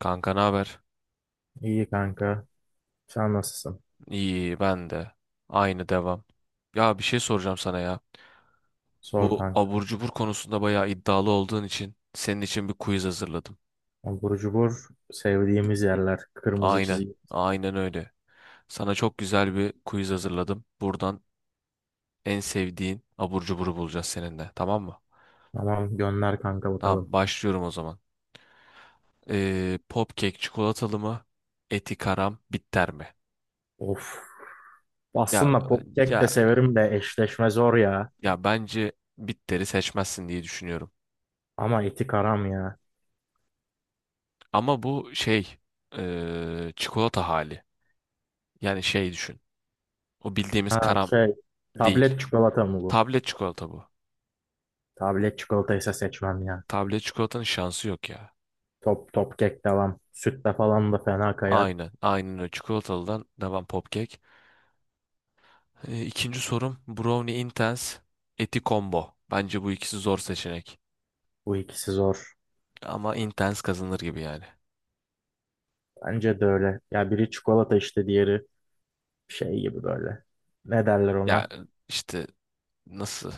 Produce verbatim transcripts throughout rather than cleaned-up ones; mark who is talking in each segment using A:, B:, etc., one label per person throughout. A: Kanka ne haber?
B: İyi kanka. Sen nasılsın?
A: İyi ben de. Aynı devam. Ya bir şey soracağım sana ya.
B: Sor
A: Bu
B: kanka.
A: abur cubur konusunda bayağı iddialı olduğun için senin için bir quiz hazırladım.
B: Burcu cubur sevdiğimiz yerler. Kırmızı
A: Aynen.
B: çizgi.
A: Aynen öyle. Sana çok güzel bir quiz hazırladım. Buradan en sevdiğin abur cuburu bulacağız seninle. Tamam mı?
B: Tamam gönder kanka
A: Tamam
B: bakalım.
A: başlıyorum o zaman. Ee, Popkek çikolatalı mı? Eti karam bitter mi?
B: Of.
A: Ya
B: Aslında popkek
A: ya
B: de severim de eşleşme zor ya.
A: ya bence bitteri seçmezsin diye düşünüyorum.
B: Ama eti karam ya.
A: Ama bu şey eee, çikolata hali. Yani şey düşün. O bildiğimiz
B: Ha
A: karam
B: şey
A: değil.
B: tablet çikolata mı bu?
A: Tablet çikolata bu.
B: Tablet çikolataysa seçmem ya.
A: Tablet çikolatanın şansı yok ya.
B: Top top kek devam. Sütle falan da fena kayar.
A: Aynen. Aynen o çikolatalıdan devam popkek. Eee, İkinci sorum Brownie Intense Eti Combo. Bence bu ikisi zor seçenek.
B: Bu ikisi zor.
A: Ama Intense kazanır gibi yani.
B: Bence de öyle. Ya biri çikolata işte diğeri şey gibi böyle. Ne derler
A: Ya
B: ona?
A: işte nasıl?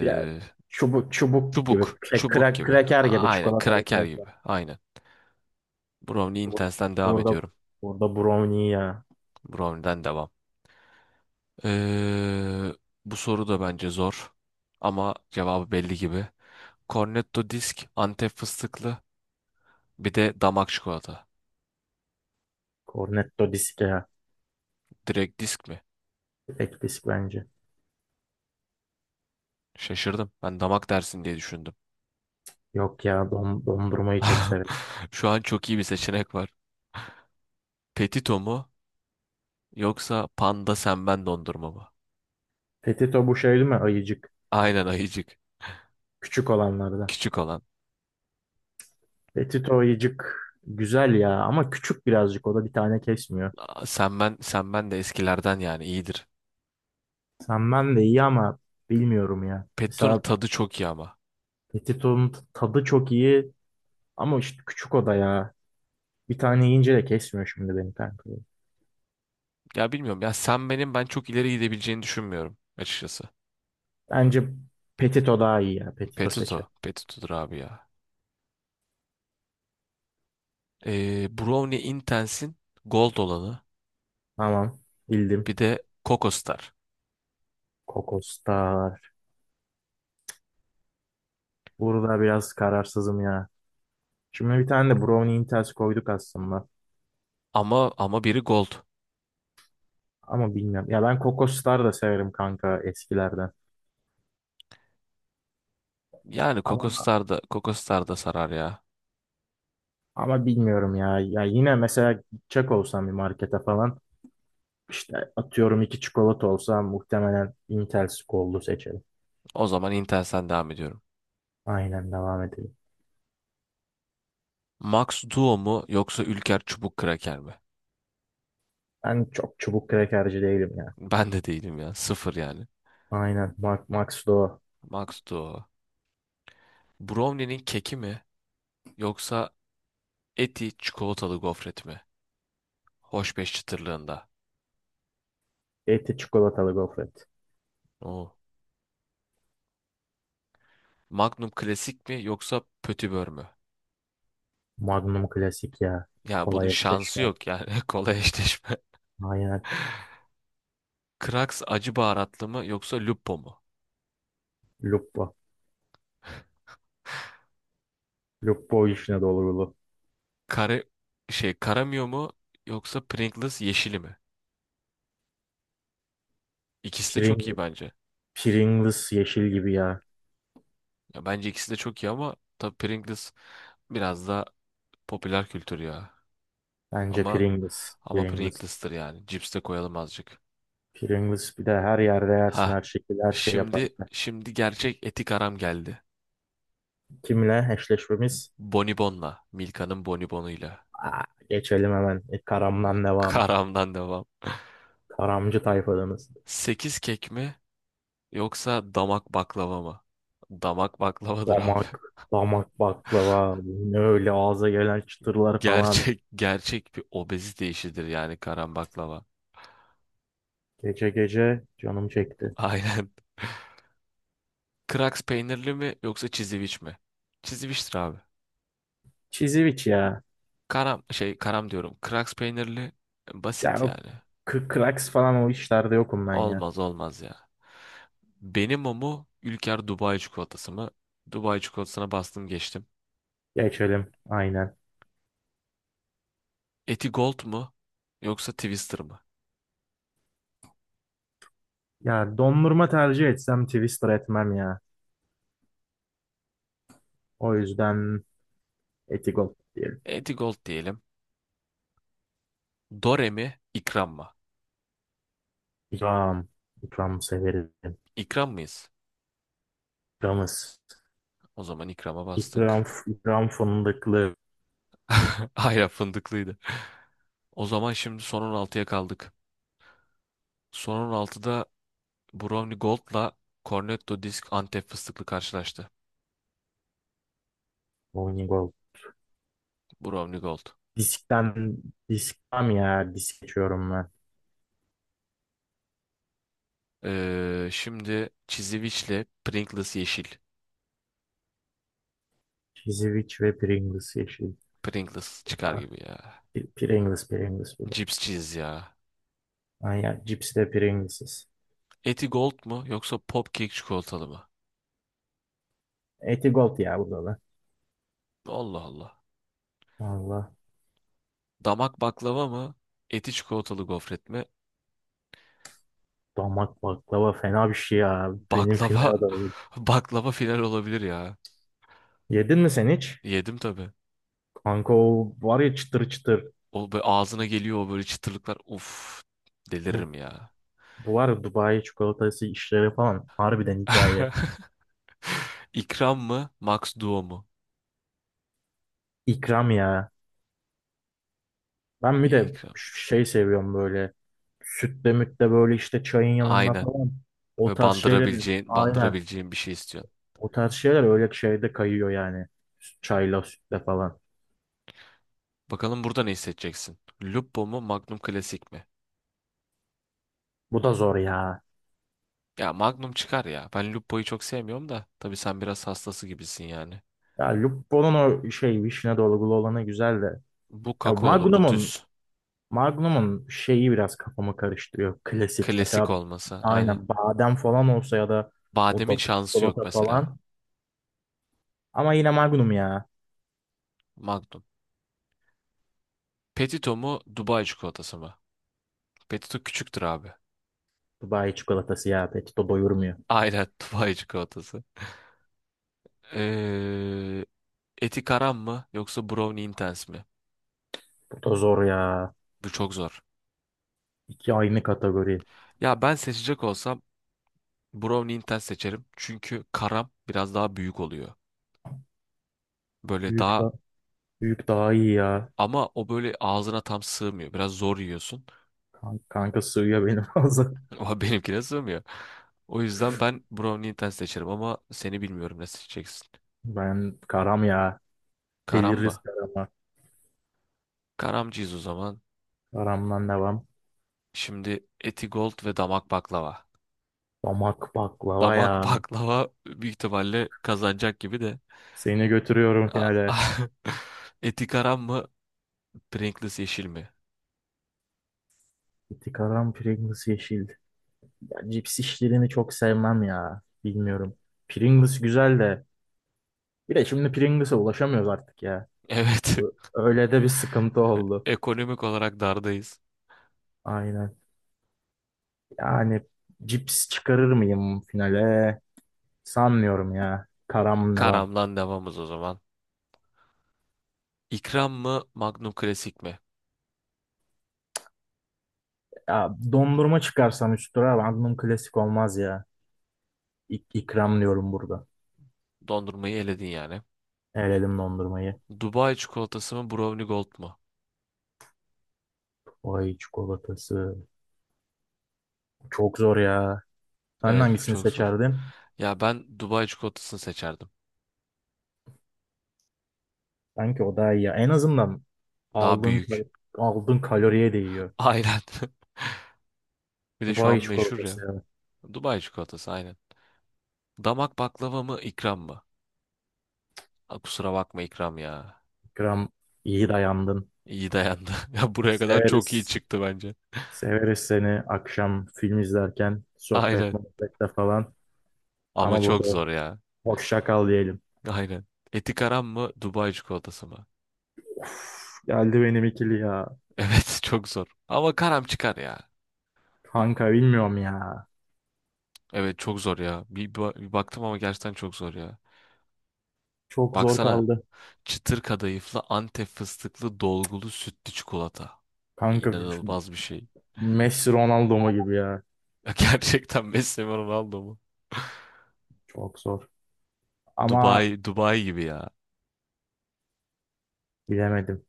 B: Biraz çubuk çubuk gibi.
A: çubuk.
B: Şey,
A: Çubuk
B: kra
A: gibi.
B: kraker
A: A-
B: gibi
A: Aynen.
B: çikolata ve
A: Kraker
B: kraker.
A: gibi. Aynen. Brownie
B: Bu-
A: Intense'den devam
B: Burada
A: ediyorum.
B: burada brownie ya.
A: Brownie'den devam. Ee, bu soru da bence zor ama cevabı belli gibi. Cornetto disk, Antep fıstıklı, bir de damak çikolata.
B: Cornetto disk ya.
A: Direkt disk mi?
B: Tek disk bence.
A: Şaşırdım. Ben damak dersin diye düşündüm.
B: Yok ya don- dondurmayı çok severim.
A: Şu an çok iyi bir seçenek var. Petito mu yoksa Panda Senben dondurma mı?
B: Petito bu şey değil mi? Ayıcık.
A: Aynen ayıcık.
B: Küçük olanlardan.
A: Küçük olan.
B: Petito ayıcık güzel ya ama küçük birazcık o da bir tane kesmiyor.
A: Aa, Senben, Senben de eskilerden yani iyidir.
B: Sen ben de iyi ama bilmiyorum ya.
A: Petito'nun
B: Mesela
A: tadı çok iyi ama.
B: Petito'nun t- tadı çok iyi ama işte küçük o da ya. Bir tane yiyince de kesmiyor şimdi benim kanka.
A: Ya bilmiyorum ya Senben'in ben çok ileri gidebileceğini düşünmüyorum açıkçası.
B: Bence Petito daha iyi ya. Petito
A: Petuto.
B: seçelim.
A: Petuto'dur abi ya. Ee, Brownie Intense'in Gold olanı.
B: Tamam. Bildim.
A: Bir de Coco Star.
B: Kokostar. Burada biraz kararsızım ya. Şimdi bir tane de Brownie Intels koyduk aslında.
A: Ama ama biri Gold.
B: Ama bilmiyorum. Ya ben Kokostar da severim kanka eskilerden.
A: Yani Coco
B: Ama
A: Star da, Coco Star da sarar ya.
B: ama bilmiyorum ya. Ya yine mesela gidecek olsam bir markete falan işte atıyorum iki çikolata olsa muhtemelen Intels Gold'u seçerim.
A: O zaman Intense'den devam ediyorum.
B: Aynen devam edelim.
A: Max Duo mu yoksa Ülker Çubuk Kraker mi?
B: Ben çok çubuk krekerci değilim ya.
A: Ben de değilim ya. Sıfır yani.
B: Aynen. Max, Max Doğu.
A: Max Duo. Brownie'nin keki mi yoksa Eti çikolatalı gofret mi? Hoşbeş çıtırlığında.
B: Eti çikolatalı gofret.
A: Oo. Magnum klasik mi yoksa pötibör mü?
B: Magnum klasik ya.
A: Yani bunun
B: Kolay
A: şansı
B: eşleşme.
A: yok yani kolay eşleşme.
B: Aynen.
A: Krax acı baharatlı mı yoksa Lupo mu?
B: Lupo. Lupo işine dolgulu.
A: Kare şey Karamio mu yoksa Pringles yeşili mi? İkisi de
B: Pring
A: çok iyi bence.
B: Pringles yeşil gibi ya.
A: Ya bence ikisi de çok iyi ama tabii Pringles biraz daha popüler kültür ya.
B: Bence
A: Ama
B: Pringles.
A: ama
B: Pringles.
A: Pringles'tır yani. Cips de koyalım azıcık.
B: Pringles bir de her yerde yersin
A: Ha.
B: her şekilde her şey yapar.
A: Şimdi şimdi gerçek etik aram geldi.
B: Kimle eşleşmemiz?
A: Bonibon'la. Milka'nın Bonibon'uyla.
B: Aa, geçelim hemen. E, karamdan devam.
A: Karamdan devam.
B: Karamcı tayfadanız.
A: Sekiz kek mi yoksa damak baklava mı? Damak baklavadır abi.
B: Damak. Damak baklava. Ne öyle ağza gelen çıtırlar falan.
A: Gerçek gerçek bir obezite işidir yani karam baklava.
B: Gece gece canım çekti.
A: Aynen. Kraks peynirli mi yoksa çiziviç mi? Çiziviçtir abi.
B: Çiziviç ya.
A: Karam şey karam diyorum. Kraks peynirli
B: Ya
A: basit
B: o
A: yani.
B: k- Cracks falan o işlerde yokum ben ya.
A: Olmaz olmaz ya. Benim o mu Ülker Dubai çikolatası mı? Dubai çikolatasına bastım geçtim.
B: Geçelim aynen.
A: Eti Gold mu yoksa Twister mı?
B: Ya dondurma tercih etsem Twister etmem ya. O yüzden Etigol diyelim.
A: Eti Gold diyelim. Dore mi? İkram mı?
B: İkram. İkram severim.
A: İkram mıyız?
B: İkramız.
A: O zaman ikrama
B: İkram,
A: bastık.
B: ikram fındıklı.
A: Hayır fındıklıydı. O zaman şimdi son on altıya kaldık. Son on altıda Brownie Gold'la Cornetto Disk Antep fıstıklı karşılaştı.
B: Onyegol.
A: Brownie Gold.
B: Diskten, diskten ya. Disk geçiyorum ben.
A: Ee, şimdi Çiziviç'le Pringles yeşil.
B: Cheez-It ve Pringles yeşil.
A: Pringles çıkar
B: Ah,
A: gibi ya.
B: P- Pringles, Pringles bu da.
A: Cips cheese ya.
B: Aynen, cips de Pringles'iz.
A: Eti Gold mu yoksa Popkek çikolatalı mı?
B: Etigold ya bu da.
A: Allah Allah.
B: Allah.
A: Damak baklava mı? Eti çikolatalı gofret mi?
B: Damak baklava fena bir şey ya. Benim
A: Baklava
B: final adayım.
A: baklava final olabilir ya.
B: Yedin mi sen hiç?
A: Yedim tabii.
B: Kanka o var ya çıtır çıtır.
A: O böyle ağzına geliyor o böyle çıtırlıklar. Uf
B: Bu,
A: deliririm ya.
B: bu var ya Dubai çikolatası işleri falan. Harbiden hikaye.
A: İkram mı? Max Duo mu?
B: İkram ya. Ben bir de
A: İkram.
B: ş- şey seviyorum böyle. Sütle mütle böyle işte çayın yanında
A: Aynen.
B: falan. O
A: Böyle
B: tarz şeyler.
A: bandırabileceğin,
B: Aynen.
A: bandırabileceğin bir şey istiyorsun.
B: O tarz şeyler öyle şeyde kayıyor yani. Çayla sütle falan.
A: Bakalım burada ne hissedeceksin? Lupo mu, Magnum Klasik mi?
B: Bu da zor ya.
A: Ya Magnum çıkar ya. Ben Lupo'yu çok sevmiyorum da. Tabii sen biraz hastası gibisin yani.
B: Ya Lupo'nun o şey vişne dolgulu olanı güzel de.
A: Bu
B: Ya
A: kakaolu, bu
B: Magnum'un
A: düz.
B: Magnum'un şeyi biraz kafamı karıştırıyor. Klasik.
A: Klasik
B: Mesela
A: olmasa. Aynen.
B: aynen badem falan olsa ya da o
A: Bademin
B: da
A: şansı yok
B: çikolata
A: mesela.
B: falan. Ama yine Magnum ya.
A: Magnum. Petito mu Dubai çikolatası mı? Petito küçüktür abi.
B: Dubai çikolatası ya. Pek doyurmuyor.
A: Aynen Dubai çikolatası. Ee, eti karam mı yoksa brownie intense mi?
B: Bu da zor ya.
A: Bu çok zor.
B: İki aynı kategori.
A: Ya ben seçecek olsam brownie intense seçerim. Çünkü karam biraz daha büyük oluyor. Böyle
B: Büyük
A: daha
B: da büyük daha iyi ya.
A: ama o böyle ağzına tam sığmıyor. Biraz zor yiyorsun.
B: Kan- Kanka, sığıyor benim fazla.
A: Ama benimkine sığmıyor. O yüzden ben brownie intense seçerim ama seni bilmiyorum ne seçeceksin.
B: Ben karam ya.
A: Karam
B: Deliririz
A: mı?
B: karama.
A: Karamcıyız o zaman.
B: Karamdan devam.
A: Şimdi Etigold ve damak baklava.
B: Damak baklava ya.
A: Damak baklava büyük ihtimalle kazanacak gibi de.
B: Seni götürüyorum
A: A-
B: finale.
A: Eti karam mı? Pringles yeşil mi?
B: İti karam Pringles yeşil. Cips işlerini çok sevmem ya. Bilmiyorum. Pringles güzel de. Bir de şimdi Pringles'a ulaşamıyoruz artık ya.
A: Evet.
B: Bu- Öyle de bir sıkıntı oldu.
A: Ekonomik olarak dardayız.
B: Aynen. Yani cips çıkarır mıyım finale? Sanmıyorum ya. Karam devam.
A: Karamdan devamız o zaman. İkram mı? Magnum Klasik mi?
B: Ya dondurma çıkarsam üstüne tura klasik olmaz ya. İk ikram diyorum burada.
A: Dondurmayı eledin yani.
B: Eledim dondurmayı.
A: Dubai çikolatası mı? Brownie Gold mu?
B: Ay çikolatası. Çok zor ya. Sen
A: Evet bu
B: hangisini
A: çok zor.
B: seçerdin?
A: Ya ben Dubai çikolatasını seçerdim.
B: Sanki o daha iyi ya. En azından
A: Daha
B: aldığın kal-
A: büyük.
B: aldığın kaloriye değiyor.
A: Aynen. Bir de şu an
B: Dubai
A: meşhur
B: çikolatası
A: ya.
B: ya.
A: Dubai çikolatası aynen. Damak baklava mı ikram mı? Ha, kusura bakma ikram ya.
B: Gram iyi dayandın.
A: İyi dayandı. Ya buraya kadar çok iyi
B: Severiz.
A: çıktı bence.
B: Severiz seni akşam film izlerken sohbet
A: Aynen.
B: muhabbette falan.
A: Ama
B: Ama burada
A: çok zor ya.
B: hoşça kal diyelim.
A: Aynen. Eti karam mı Dubai çikolatası mı?
B: Geldi benim ikili ya.
A: Evet çok zor. Ama karam çıkar ya.
B: Kanka bilmiyorum ya.
A: Evet çok zor ya. Bir, ba- bir baktım ama gerçekten çok zor ya.
B: Çok zor
A: Baksana
B: kaldı.
A: çıtır kadayıflı Antep fıstıklı dolgulu sütlü çikolata.
B: Kanka
A: İnanılmaz bir şey.
B: Messi Ronaldo mu gibi ya.
A: Ya gerçekten Messi mi Ronaldo mu?
B: Çok zor. Ama
A: Dubai, Dubai gibi ya.
B: bilemedim.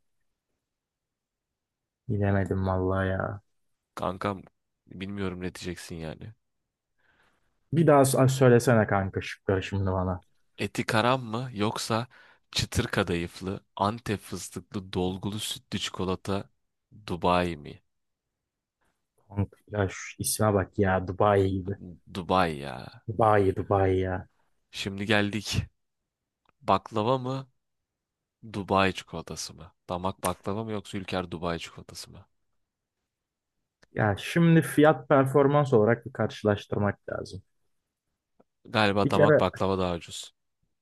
B: Bilemedim vallahi ya.
A: Kankam bilmiyorum ne diyeceksin yani.
B: Bir daha s- söylesene kanka şıkları şimdi bana.
A: Eti karam mı yoksa çıtır kadayıflı, Antep fıstıklı, dolgulu sütlü çikolata Dubai mi?
B: Kanka ya şu isme bak ya Dubai gibi.
A: Dubai ya.
B: Dubai Dubai ya.
A: Şimdi geldik. Baklava mı? Dubai çikolatası mı? Damak baklava mı yoksa Ülker Dubai çikolatası mı?
B: Ya şimdi fiyat performans olarak bir karşılaştırmak lazım.
A: Galiba
B: Bir
A: damak
B: kere
A: baklava daha ucuz.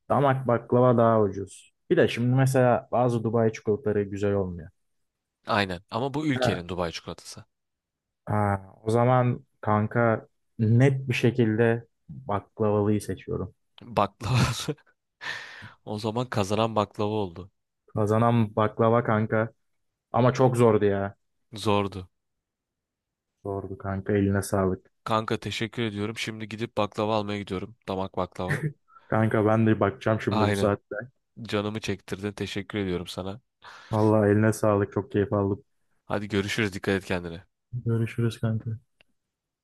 B: damak baklava daha ucuz. Bir de şimdi mesela bazı Dubai çikolataları güzel olmuyor.
A: Aynen ama bu
B: Ha,
A: Ülker'in Dubai çikolatası.
B: ha, o zaman kanka net bir şekilde baklavalıyı seçiyorum.
A: Baklava. O zaman kazanan baklava oldu.
B: Kazanan baklava kanka. Ama çok zordu ya.
A: Zordu.
B: Zordu kanka eline sağlık.
A: Kanka teşekkür ediyorum. Şimdi gidip baklava almaya gidiyorum. Damak baklava.
B: Kanka ben de bakacağım şimdi bu
A: Aynen.
B: saatte.
A: Canımı çektirdin. Teşekkür ediyorum sana.
B: Vallahi eline sağlık çok keyif aldım.
A: Hadi görüşürüz. Dikkat et kendine.
B: Görüşürüz kanka.